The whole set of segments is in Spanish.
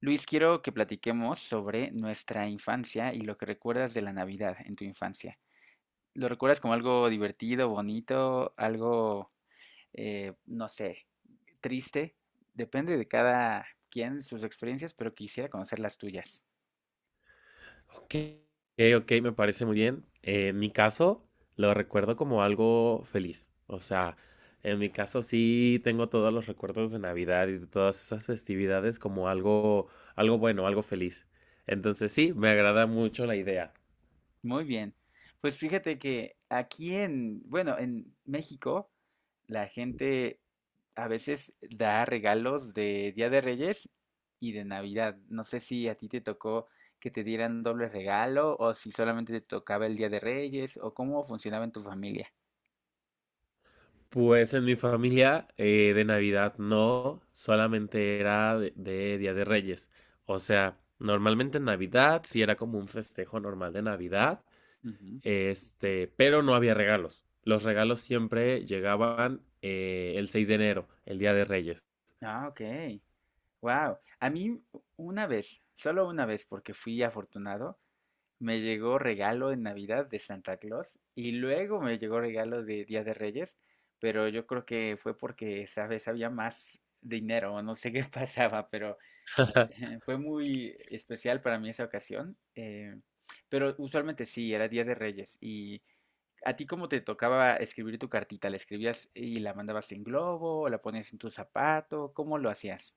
Luis, quiero que platiquemos sobre nuestra infancia y lo que recuerdas de la Navidad en tu infancia. ¿Lo recuerdas como algo divertido, bonito, algo, no sé, triste? Depende de cada quien sus experiencias, pero quisiera conocer las tuyas. Ok, ok, me parece muy bien. En mi caso, lo recuerdo como algo feliz. O sea, en mi caso sí tengo todos los recuerdos de Navidad y de todas esas festividades como algo, algo bueno, algo feliz. Entonces sí, me agrada mucho la idea. Muy bien. Pues fíjate que aquí en, bueno, en México, la gente a veces da regalos de Día de Reyes y de Navidad. No sé si a ti te tocó que te dieran doble regalo o si solamente te tocaba el Día de Reyes o cómo funcionaba en tu familia. Pues en mi familia de Navidad no, solamente era de Día de Reyes. O sea, normalmente en Navidad sí era como un festejo normal de Navidad. Ujú. Pero no había regalos. Los regalos siempre llegaban el 6 de enero, el Día de Reyes. Ah, ok. Wow. A mí una vez, solo una vez porque fui afortunado, me llegó regalo en Navidad de Santa Claus y luego me llegó regalo de Día de Reyes, pero yo creo que fue porque esa vez había más dinero, no sé qué pasaba, pero fue muy especial para mí esa ocasión. Pero usualmente sí, era Día de Reyes. ¿Y a ti cómo te tocaba escribir tu cartita? ¿La escribías y la mandabas en globo? ¿O la ponías en tu zapato? ¿Cómo lo hacías?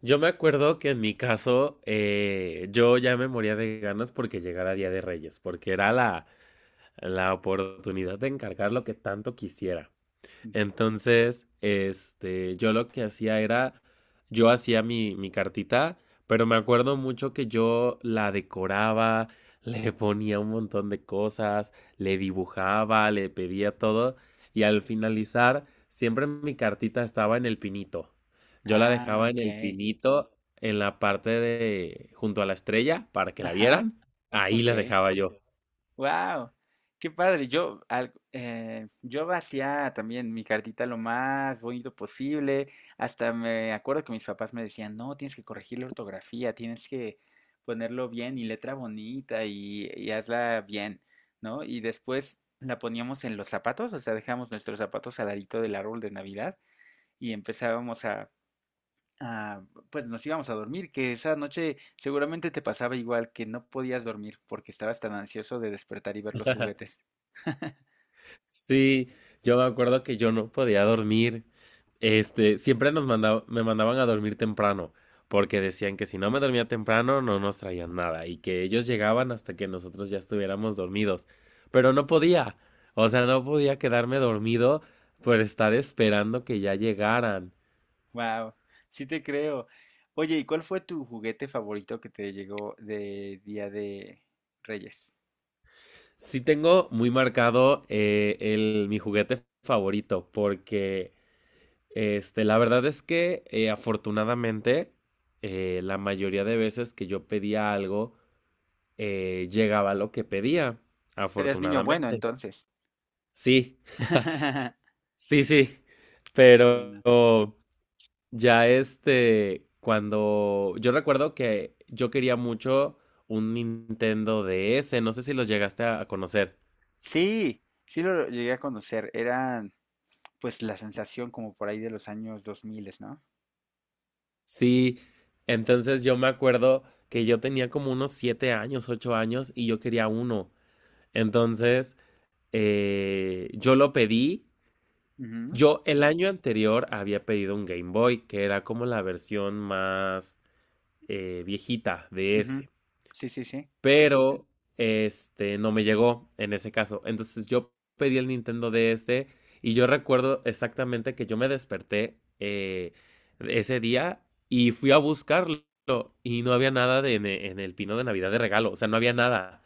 Yo me acuerdo que en mi caso, yo ya me moría de ganas porque llegara Día de Reyes, porque era la oportunidad de encargar lo que tanto quisiera. Mm. Entonces, yo lo que hacía era, yo hacía mi cartita, pero me acuerdo mucho que yo la decoraba, le ponía un montón de cosas, le dibujaba, le pedía todo, y al finalizar, siempre mi cartita estaba en el pinito. Yo la Ah, dejaba en ok. el pinito, en la parte de, junto a la estrella, para que la Ajá, vieran. Ahí la ok. dejaba yo. Wow, qué padre. Yo, yo hacía también mi cartita lo más bonito posible. Hasta me acuerdo que mis papás me decían, no, tienes que corregir la ortografía, tienes que ponerlo bien y letra bonita y hazla bien, ¿no? Y después la poníamos en los zapatos, o sea, dejamos nuestros zapatos al ladito del árbol de Navidad y empezábamos a. Ah, pues nos íbamos a dormir, que esa noche seguramente te pasaba igual, que no podías dormir porque estabas tan ansioso de despertar y ver los juguetes. Sí, yo me acuerdo que yo no podía dormir. Siempre me mandaban a dormir temprano, porque decían que si no me dormía temprano no nos traían nada y que ellos llegaban hasta que nosotros ya estuviéramos dormidos. Pero no podía, o sea, no podía quedarme dormido por estar esperando que ya llegaran. Wow, sí te creo. Oye, ¿y cuál fue tu juguete favorito que te llegó de Día de Reyes? Sí tengo muy marcado el, mi juguete favorito, porque la verdad es que afortunadamente la mayoría de veces que yo pedía algo llegaba lo que pedía, Eras niño bueno afortunadamente. entonces. Sí, sí, Qué buena. pero ya cuando yo recuerdo que yo quería mucho un Nintendo DS, no sé si los llegaste a conocer. Sí, sí lo llegué a conocer. Era pues la sensación como por ahí de los años 2000, ¿no? Sí, entonces yo me acuerdo que yo tenía como unos siete años, ocho años y yo quería uno. Entonces, yo lo pedí. Ujú, Yo el año anterior había pedido un Game Boy, que era como la versión más viejita de ujú. ese. Sí, sí, sí. Pero este no me llegó en ese caso. Entonces yo pedí el Nintendo DS y yo recuerdo exactamente que yo me desperté ese día y fui a buscarlo y no había nada en el pino de Navidad de regalo. O sea, no había nada.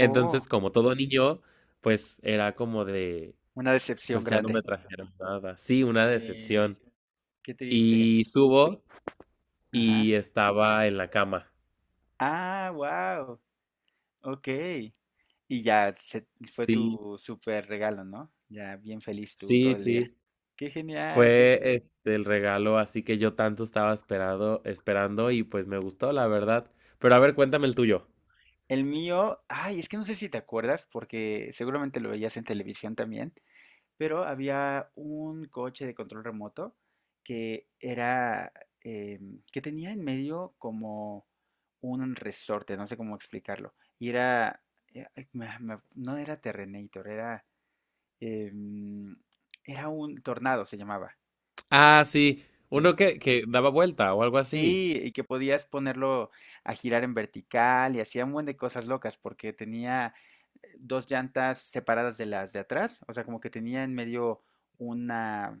Oh, como todo niño, pues era como de. una decepción Pues ya no grande. me trajeron nada. Sí, una Sí, decepción. qué triste. Y subo Ajá. y estaba en la cama. Ah, wow. Ok. Y ya se- fue Sí, tu super regalo, ¿no? Ya bien feliz tú todo sí, el día. sí. Qué genial. Fue el regalo, así que yo tanto estaba esperado, esperando y pues me gustó, la verdad. Pero a ver, cuéntame el tuyo. El mío, ay, es que no sé si te acuerdas, porque seguramente lo veías en televisión también, pero había un coche de control remoto que era, que tenía en medio como un resorte, no sé cómo explicarlo. Y era, ay, no era Terrenator, era... em, era un tornado, se llamaba. Ah, sí, Sí. uno que daba vuelta o algo así. Sí, y que podías ponerlo a girar en vertical y hacía un buen de cosas locas porque tenía dos llantas separadas de las de atrás, o sea, como que tenía en medio una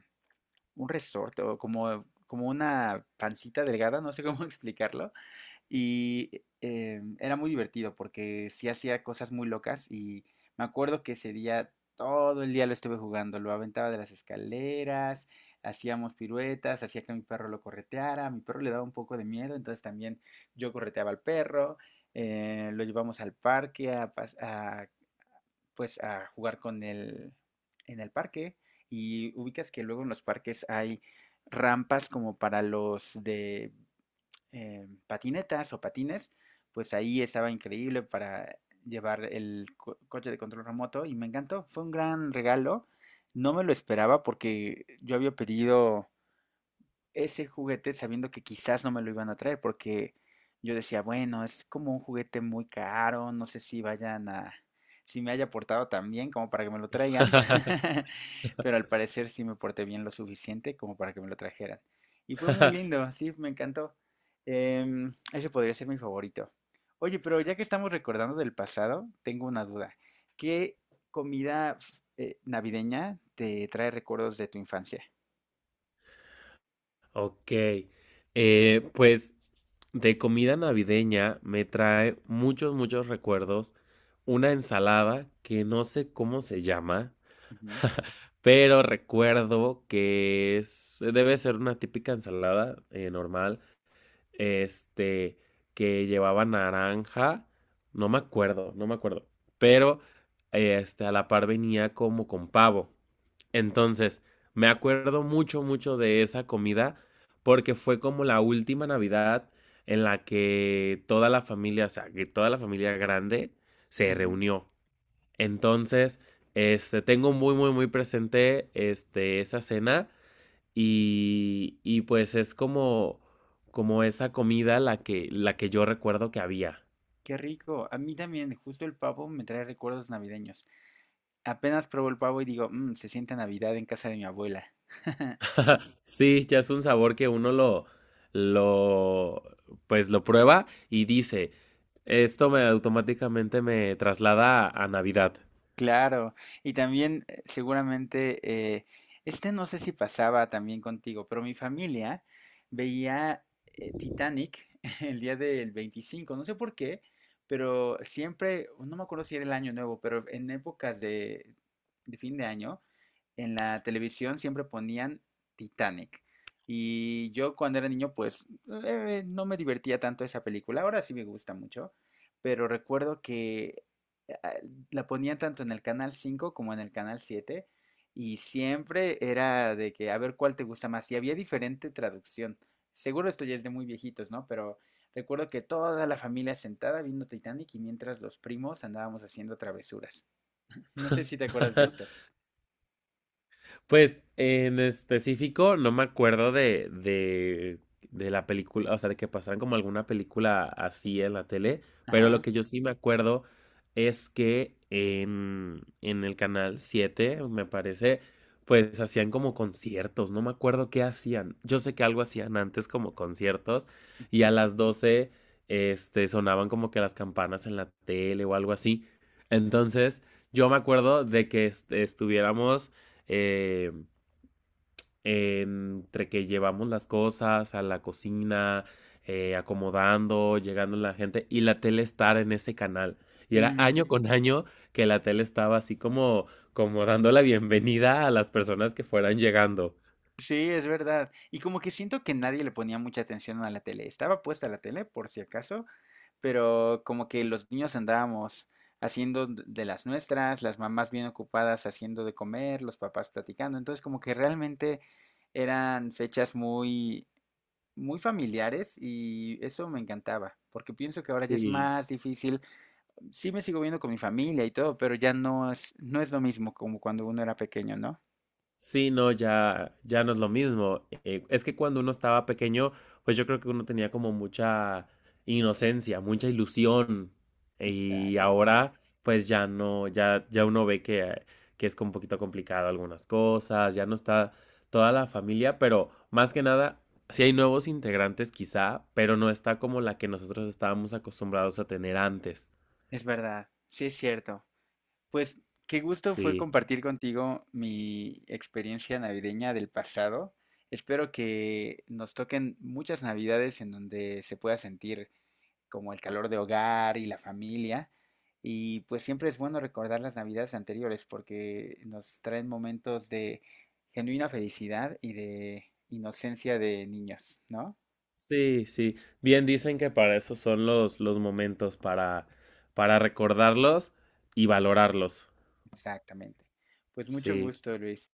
un resorte o como una pancita delgada, no sé cómo explicarlo. Y era muy divertido porque sí hacía cosas muy locas y me acuerdo que ese día todo el día lo estuve jugando, lo aventaba de las escaleras, hacíamos piruetas, hacía que mi perro lo correteara, a mi perro le daba un poco de miedo, entonces también yo correteaba al perro, lo llevamos al parque a pues a jugar con él en el parque y ubicas que luego en los parques hay rampas como para los de patinetas o patines, pues ahí estaba increíble para llevar el coche de control remoto y me encantó. Fue un gran regalo. No me lo esperaba porque yo había pedido ese juguete sabiendo que quizás no me lo iban a traer, porque yo decía, bueno, es como un juguete muy caro, no sé si vayan a, si me haya portado tan bien como para que me lo traigan, pero al parecer sí me porté bien lo suficiente como para que me lo trajeran. Y fue muy lindo, sí, me encantó. Ese podría ser mi favorito. Oye, pero ya que estamos recordando del pasado, tengo una duda. ¿Qué comida navideña te trae recuerdos de tu infancia? Ok. Pues de comida navideña me trae muchos, muchos recuerdos. Una ensalada que no sé cómo se llama, Ujú, pero recuerdo que es, debe ser una típica ensalada normal, este, que llevaba naranja, no me acuerdo, pero a la par venía como con pavo. Entonces, me acuerdo mucho de esa comida porque fue como la última Navidad en la que toda la familia, o sea, que toda la familia grande se ujú. reunió. Entonces, tengo muy presente esa cena y pues es como, como esa comida la que yo recuerdo que había. Qué rico. A mí también, justo el pavo me trae recuerdos navideños. Apenas pruebo el pavo y digo, "Mm, se siente Navidad en casa de mi abuela." Sí, ya es un sabor que uno lo, pues lo prueba y dice, esto me automáticamente me traslada a Navidad. Claro. Y también seguramente, eh, no sé si pasaba también contigo, pero mi familia veía Titanic el día del 25. No sé por qué, pero siempre, no me acuerdo si era el año nuevo, pero en épocas de fin de año, en la televisión siempre ponían Titanic. Y yo cuando era niño, pues no me divertía tanto esa película. Ahora sí me gusta mucho, pero recuerdo que eh, la ponían tanto en el canal 5 como en el canal 7 y siempre era de que a ver cuál te gusta más. Y había diferente traducción. Seguro esto ya es de muy viejitos, ¿no? Pero recuerdo que toda la familia sentada viendo Titanic y mientras los primos andábamos haciendo travesuras. No sé si te acuerdas de esto. Pues en específico no me acuerdo de la película, o sea, de que pasaran como alguna película así en la tele, pero lo Ajá. que yo sí me acuerdo es que en el canal 7 me parece, pues hacían como conciertos, no me acuerdo qué hacían. Yo sé que algo hacían antes como conciertos y Ujú. a las 12 sonaban como que las campanas en la tele o algo así. Entonces, yo me acuerdo de que estuviéramos eh, entre que llevamos las cosas a la cocina, acomodando, llegando la gente y la tele estar en ese canal. Y era Ujú. año con año que la tele estaba así como, como dando la bienvenida a las personas que fueran llegando. Sí, es verdad. Y como que siento que nadie le ponía mucha atención a la tele. Estaba puesta la tele, por si acaso, pero como que los niños andábamos haciendo de las nuestras, las mamás bien ocupadas haciendo de comer, los papás platicando. Entonces, como que realmente eran fechas muy, muy familiares y eso me encantaba, porque pienso que ahora ya es Sí. más difícil. Sí me sigo viendo con mi familia y todo, pero ya no es, no es lo mismo como cuando uno era pequeño, ¿no? Sí, no, ya no es lo mismo. Es que cuando uno estaba pequeño, pues yo creo que uno tenía como mucha inocencia, mucha ilusión. Y Exacto. ahora, pues ya no, ya uno ve que es como un poquito complicado algunas cosas, ya no está toda la familia, pero más que nada, sí hay nuevos integrantes quizá, pero no está como la que nosotros estábamos acostumbrados a tener antes. Es verdad, sí es cierto. Pues qué gusto fue Sí. compartir contigo mi experiencia navideña del pasado. Espero que nos toquen muchas navidades en donde se pueda sentir como el calor de hogar y la familia. Y pues siempre es bueno recordar las navidades anteriores porque nos traen momentos de genuina felicidad y de inocencia de niños, ¿no? Sí, sí. Bien dicen que para eso son los momentos, para recordarlos y valorarlos. Exactamente. Pues mucho Sí. gusto, Luis.